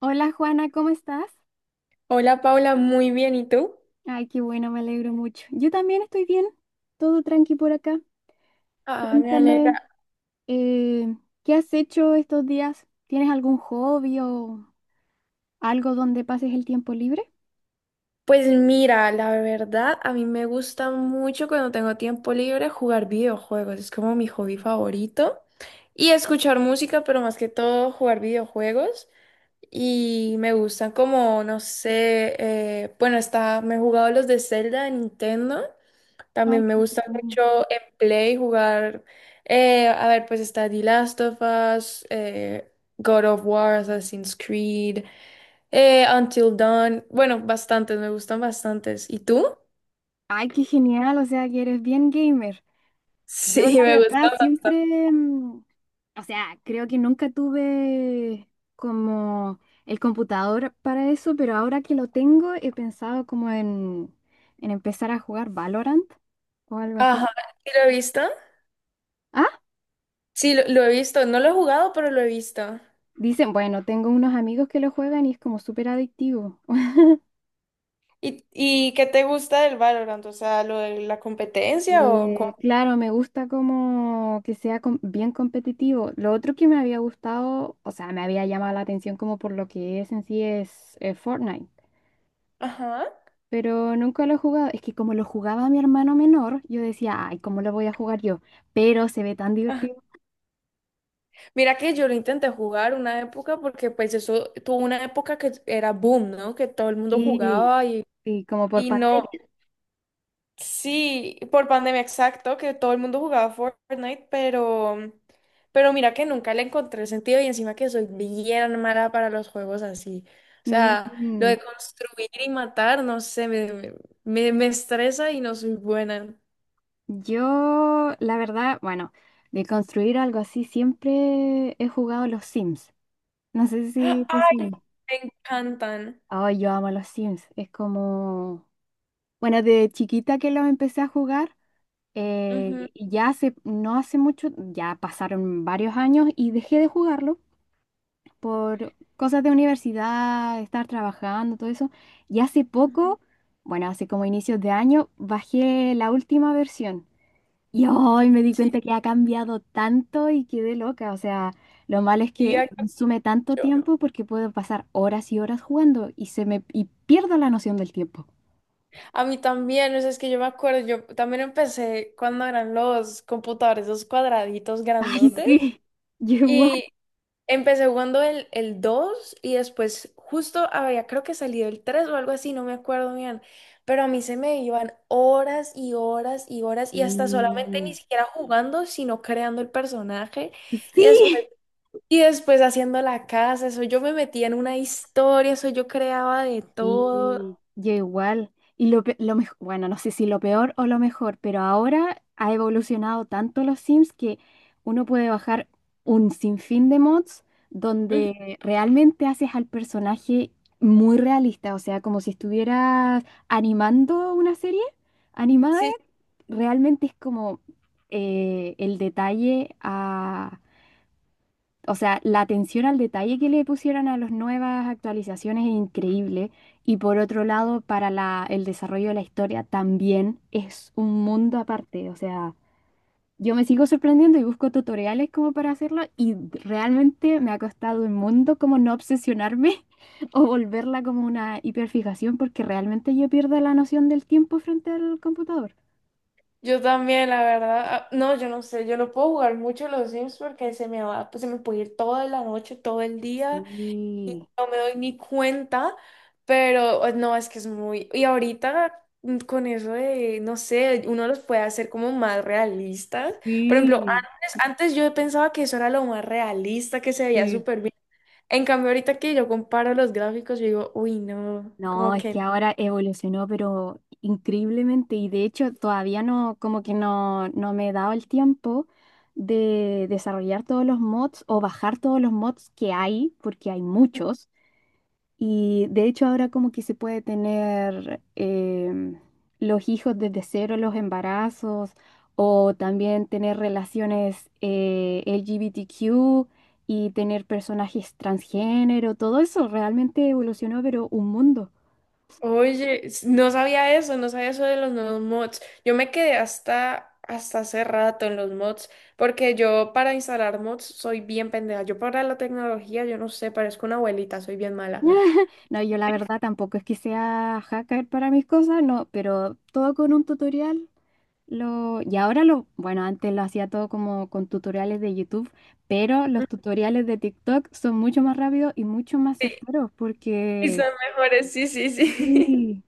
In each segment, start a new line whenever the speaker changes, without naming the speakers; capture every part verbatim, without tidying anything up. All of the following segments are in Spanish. Hola Juana, ¿cómo estás?
Hola Paula, muy bien, ¿y tú?
Ay, qué bueno, me alegro mucho. Yo también estoy bien, todo tranqui por acá.
Ah, me alegra.
Cuéntame, eh, ¿qué has hecho estos días? ¿Tienes algún hobby o algo donde pases el tiempo libre?
Pues mira, la verdad, a mí me gusta mucho cuando tengo tiempo libre jugar videojuegos. Es como mi hobby favorito. Y escuchar música, pero más que todo jugar videojuegos. Y me gustan como, no sé, eh, bueno, está, me he jugado los de Zelda de Nintendo.
Ay,
También
qué
me gusta
entretenido.
mucho en Play jugar, eh, a ver, pues está The Last of Us, eh, God of War, Assassin's Creed, eh, Until Dawn, bueno, bastantes, me gustan bastantes. ¿Y tú?
Ay, qué genial, o sea que eres bien gamer. Yo la
Sí, me
verdad
gustan.
siempre, mm, o sea, creo que nunca tuve como el computador para eso, pero ahora que lo tengo he pensado como en, en empezar a jugar Valorant o algo así.
Ajá, ¿sí lo he visto?
Ah,
Sí, lo, lo he visto, no lo he jugado, pero lo he visto.
dicen, bueno, tengo unos amigos que lo juegan y es como súper adictivo.
¿Y, y qué te gusta del Valorant? O sea, ¿lo de la competencia o cómo?
Eh, claro, me gusta como que sea com- bien competitivo. Lo otro que me había gustado, o sea, me había llamado la atención como por lo que es en sí es eh, Fortnite.
Ajá.
Pero nunca lo he jugado. Es que como lo jugaba mi hermano menor, yo decía, ay, ¿cómo lo voy a jugar yo? Pero se ve tan divertido.
Mira que yo lo intenté jugar una época porque pues eso tuvo una época que era boom, ¿no? Que todo el mundo
Sí,
jugaba y,
sí, como por
y no.
pandemia.
Sí, por pandemia, exacto, que todo el mundo jugaba Fortnite, pero pero mira que nunca le encontré sentido y encima que soy bien mala para los juegos así. O sea, lo
Mm,
de construir y matar, no sé, me, me, me- me estresa y no soy buena.
yo, la verdad, bueno, de construir algo así, siempre he jugado los Sims. No sé si te
¡Ay!
suena.
Me encantan.
Ay, yo amo los Sims. Es como, bueno, de chiquita que los empecé a jugar.
Ujú,
eh, y ya hace, no hace mucho, ya pasaron varios años y dejé de jugarlo por cosas de universidad, estar trabajando, todo eso. Y hace
ujú.
poco, bueno, hace como inicios de año, bajé la última versión. Y hoy me di
Sí,
cuenta que ha cambiado tanto y quedé loca. O sea, lo malo es que
sí,
me consume tanto
ya.
tiempo porque puedo pasar horas y horas jugando y se me y pierdo la noción del tiempo.
A mí también, o sea, es que yo me acuerdo, yo también empecé cuando eran los computadores, esos cuadraditos
Ay,
grandotes,
sí, yo igual.
y empecé jugando el, el dos y después justo había creo que salido el tres o algo así, no me acuerdo bien, pero a mí se me iban horas y horas y horas y hasta solamente ni
Sí.
siquiera jugando, sino creando el personaje y después,
Sí.
y después haciendo la casa, eso yo me metía en una historia, eso yo creaba de todo.
Sí, yo igual. Y lo, pe- lo mej- bueno, no sé si lo peor o lo mejor, pero ahora ha evolucionado tanto los Sims que uno puede bajar un sinfín de mods
Ujú.
donde realmente haces al personaje muy realista, o sea, como si estuvieras animando una serie animada,
Sí.
realmente es como eh, el detalle, o sea, la atención al detalle que le pusieron a las nuevas actualizaciones es increíble. Y por otro lado, para la, el desarrollo de la historia también es un mundo aparte. O sea, yo me sigo sorprendiendo y busco tutoriales como para hacerlo y realmente me ha costado un mundo como no obsesionarme o volverla como una hiperfijación porque realmente yo pierdo la noción del tiempo frente al computador.
Yo también, la verdad. ah, No, yo no sé, yo no puedo jugar mucho los Sims porque se me va, pues se me puede ir toda la noche, todo el día,
Sí.
no me doy ni cuenta, pero eh, no, es que es muy... Y ahorita mm, con eso de, no sé, uno los puede hacer como más realistas. Por ejemplo,
Sí,
antes, antes yo pensaba que eso era lo más realista, que se veía
sí.
súper bien. En cambio, ahorita que yo comparo los gráficos, yo digo, uy, no,
No,
como
es
que...
que ahora evolucionó, pero increíblemente, y de hecho todavía no, como que no, no me he dado el tiempo de desarrollar todos los mods o bajar todos los mods que hay, porque hay muchos, y de hecho ahora como que se puede tener em, los hijos desde cero, los embarazos, o también tener relaciones eh, L G B T Q y tener personajes transgénero, todo eso realmente evolucionó, pero un mundo.
Oye, s- no sabía eso, no sabía eso de los nuevos mods. Yo me quedé hasta, hasta hace rato en los mods, porque yo para instalar mods soy bien pendeja. Yo para la tecnología, yo no sé, parezco una abuelita, soy bien mala.
No, yo la verdad tampoco es que sea hacker para mis cosas, no, pero todo con un tutorial. Lo, y ahora lo, bueno, antes lo hacía todo como con tutoriales de YouTube, pero
Mm.
los tutoriales de TikTok son mucho más rápidos y mucho más
Sí,
certeros
y son
porque...
mejores, sí, sí, sí.
Sí.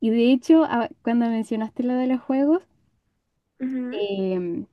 Y de hecho, a- cuando mencionaste lo de los juegos,
Ujú.
em,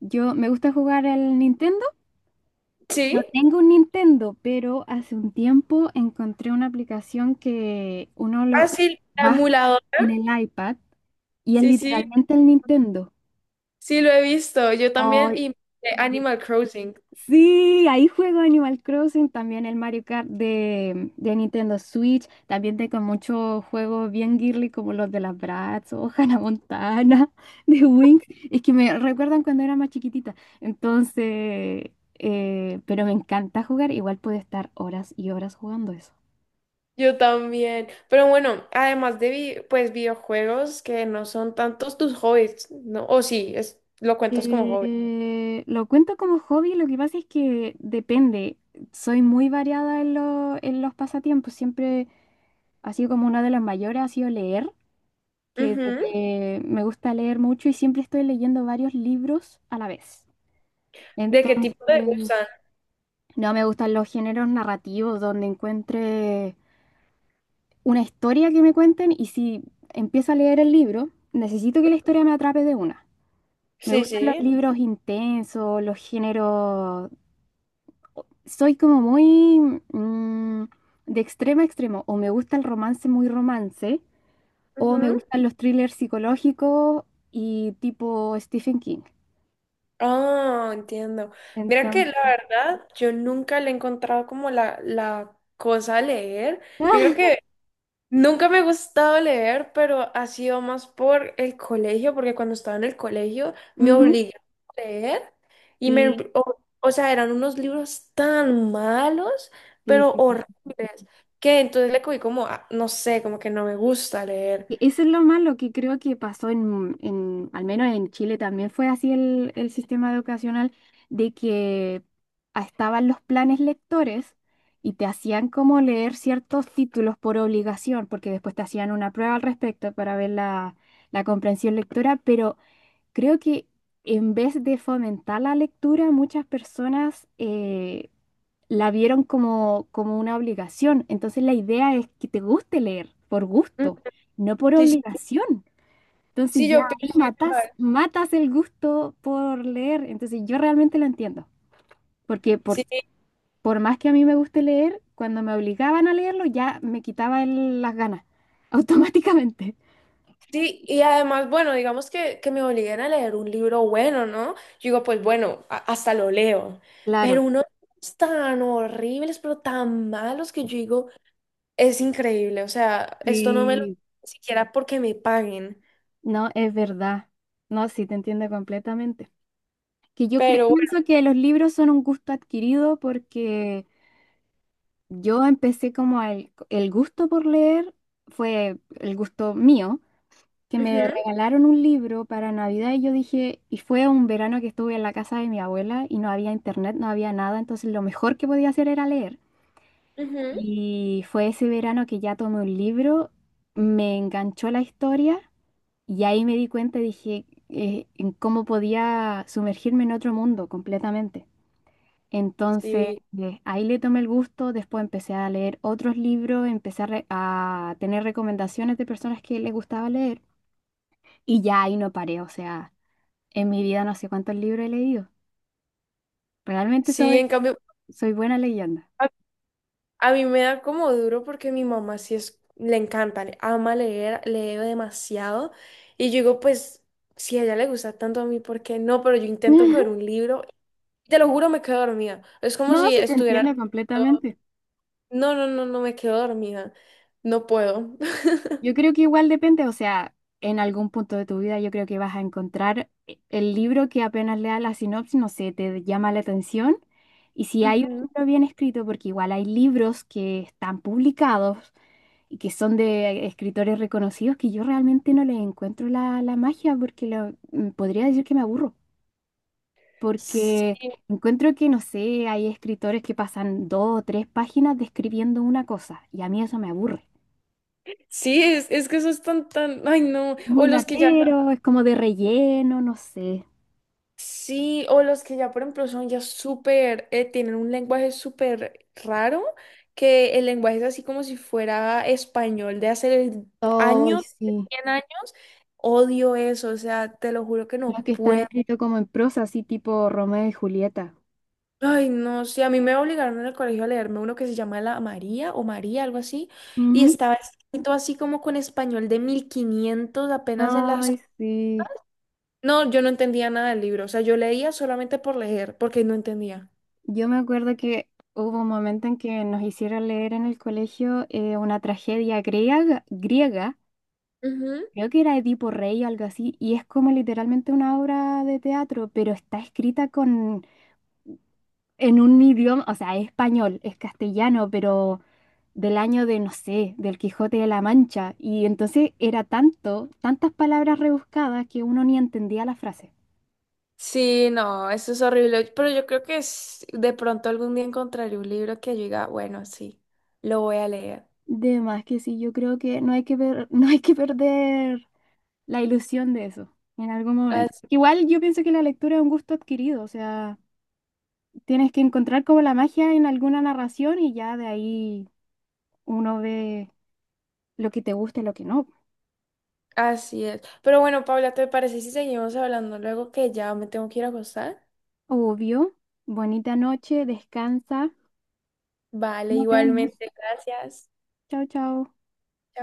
yo me gusta jugar el Nintendo.
¿Sí?
No tengo un Nintendo, pero hace un tiempo encontré una aplicación que uno
Ah,
lo
sí, la
baja
emuladora.
en el iPad y es
Sí, sí,
literalmente el Nintendo.
sí, lo he visto. Yo también, y eh, Animal Crossing.
Sí, ahí juego Animal Crossing, también el Mario Kart de, de Nintendo Switch, también tengo muchos juegos bien girly como los de las Bratz o Hannah Montana, de Winx, es que me recuerdan cuando era más chiquitita, entonces, eh, pero me encanta jugar, igual puedo estar horas y horas jugando.
Yo también. Pero bueno, además de vi- pues videojuegos, que no son tantos tus hobbies, ¿no? O sí, es, ¿lo cuentas como hobby?
Eh, lo cuento como hobby, lo que pasa es que depende. Soy muy variada en, lo- en los pasatiempos. Siempre ha sido como una de las mayores, ha sido leer, que
Ujú.
desde- me gusta leer mucho y siempre estoy leyendo varios libros a la vez.
¿De qué tipo te
Entonces,
gustan?
no me gustan los géneros narrativos donde encuentre una historia que me cuenten y si empiezo a leer el libro, necesito que la historia me atrape de una. Me
Sí,
gustan los
sí.
libros intensos, los géneros soy como muy mm, de extremo a extremo. O me gusta el romance muy romance, o me
Ujú.
gustan los thrillers psicológicos y tipo Stephen King.
Ah, entiendo. Mira que
Entonces,
la verdad, yo nunca le he encontrado como la, la cosa a leer. Yo creo que nunca me ha gustado leer, pero ha sido más por el colegio, porque cuando estaba en el colegio me
ujú,
obligaron a leer y me,
sí,
o, o sea, eran unos libros tan malos,
sí,
pero
sí.
horribles, que entonces le cogí como, ah, no sé, como que no me gusta leer.
E- Eso es lo malo que creo que pasó en, en- al menos en Chile también fue así el, el sistema educacional, de que ah, estaban los planes lectores y te hacían como leer ciertos títulos por obligación, porque después te hacían una prueba al respecto para ver la, la comprensión lectora, pero creo que en vez de fomentar la lectura, muchas personas eh, la vieron como, como una obligación. Entonces la idea es que te guste leer por
Mm.
gusto, no por
Sí, sí,
obligación. Entonces
sí,
ya
yo
ahí
pienso
matas,
igual.
matas el gusto por leer. Entonces yo realmente lo entiendo, porque por,
Sí.
por más que a mí me guste leer, cuando me obligaban a leerlo ya me quitaba el- las ganas automáticamente.
Sí, y además, bueno, digamos que, que me obliguen a leer un libro bueno, ¿no? Yo digo, pues bueno, a- hasta lo leo, pero
Claro,
unos tan horribles, pero tan malos que yo digo, es increíble, o sea, esto no me lo ni
sí,
siquiera porque me paguen,
no, es verdad. No, sí, te entiendo completamente. Que yo cre-
pero
pienso que los libros son un gusto adquirido porque yo empecé como el, el gusto por leer, fue el gusto mío, que me
bueno,
regalaron un libro para Navidad y yo dije, y fue un verano que estuve en la casa de mi abuela y no había internet, no había nada, entonces lo mejor que podía hacer era leer.
ujú, ujú.
Y fue ese verano que ya tomé un libro, me enganchó la historia y ahí me di cuenta, y dije, eh, en cómo podía sumergirme en otro mundo completamente. Entonces,
Sí,
eh, ahí le tomé el gusto, después empecé a leer otros libros, empecé a, re- a tener recomendaciones de personas que les gustaba leer y ya ahí no paré, o sea, en mi vida no sé cuántos libros he leído. Realmente
sí,
soy,
en cambio,
soy buena leyenda.
a, a mí me da como duro porque mi mamá sí es, le encanta, le ama leer, lee demasiado, y yo digo, pues... Si a ella le gusta tanto, a mí, ¿por qué no? Pero yo intento coger un libro. Te lo juro, me quedo dormida. Es como
No,
si
sí te
estuviera...
entiendo completamente.
No, no, no, no me quedo dormida. No puedo.
Yo creo que igual depende, o sea, en algún punto de tu vida yo creo que vas a encontrar e- el libro que apenas lea la sinopsis, no sé, te llama la atención. Y si hay
Ujú.
un libro bien escrito, porque igual hay libros que están publicados y que son de escritores reconocidos que yo realmente no les encuentro la, la magia, porque lo- mm, podría decir que me aburro, porque
Sí,
encuentro que, no sé, hay escritores que pasan dos o tres páginas describiendo una cosa y a mí eso me aburre.
sí, es, es que esos están tan... Ay, no.
Muy
O los que ya...
latero, es como de relleno, no sé.
Sí, o los que ya, por ejemplo, son ya súper... eh, tienen un lenguaje súper raro, que el lenguaje es así como si fuera español de hace
Ay,
años
sí.
cien años. Odio eso, o sea, te lo juro que
Los
no
que están
puedo.
escritos como en prosa, así tipo Romeo y Julieta.
Ay, no, sí, a mí me obligaron en el colegio a leerme uno que se llama La María o María, algo así, y
Ujú.
estaba escrito así como con español de mil quinientos apenas en las...
Ay, sí.
No, yo no entendía nada del libro, o sea, yo leía solamente por leer, porque no entendía.
Yo me acuerdo que hubo un momento en que nos hicieron leer en el colegio eh, una tragedia griega, griega,
Ujú.
creo que era Edipo Rey o algo así, y es como literalmente una obra de teatro, pero está escrita con en un idioma, o sea, es español, es castellano, pero del año de, no sé, del Quijote de la Mancha. Y entonces era tanto, tantas palabras rebuscadas que uno ni entendía la frase.
Sí, no, eso es horrible, pero yo creo que es- de pronto algún día encontraré un libro que yo diga, bueno, sí, lo voy a leer.
De más que sí, yo creo que no hay que per- no hay que perder la ilusión de eso en algún momento.
As-
Igual yo pienso que la lectura es un gusto adquirido, o sea, tienes que encontrar como la magia en alguna narración y ya de ahí uno ve lo que te gusta y lo que no.
Así es. Pero bueno, Paula, ¿te parece si seguimos hablando luego, que ya me tengo que ir a acostar?
Obvio. Bonita noche, descansa.
Vale,
Nos vemos.
igualmente, gracias.
Chao, chao.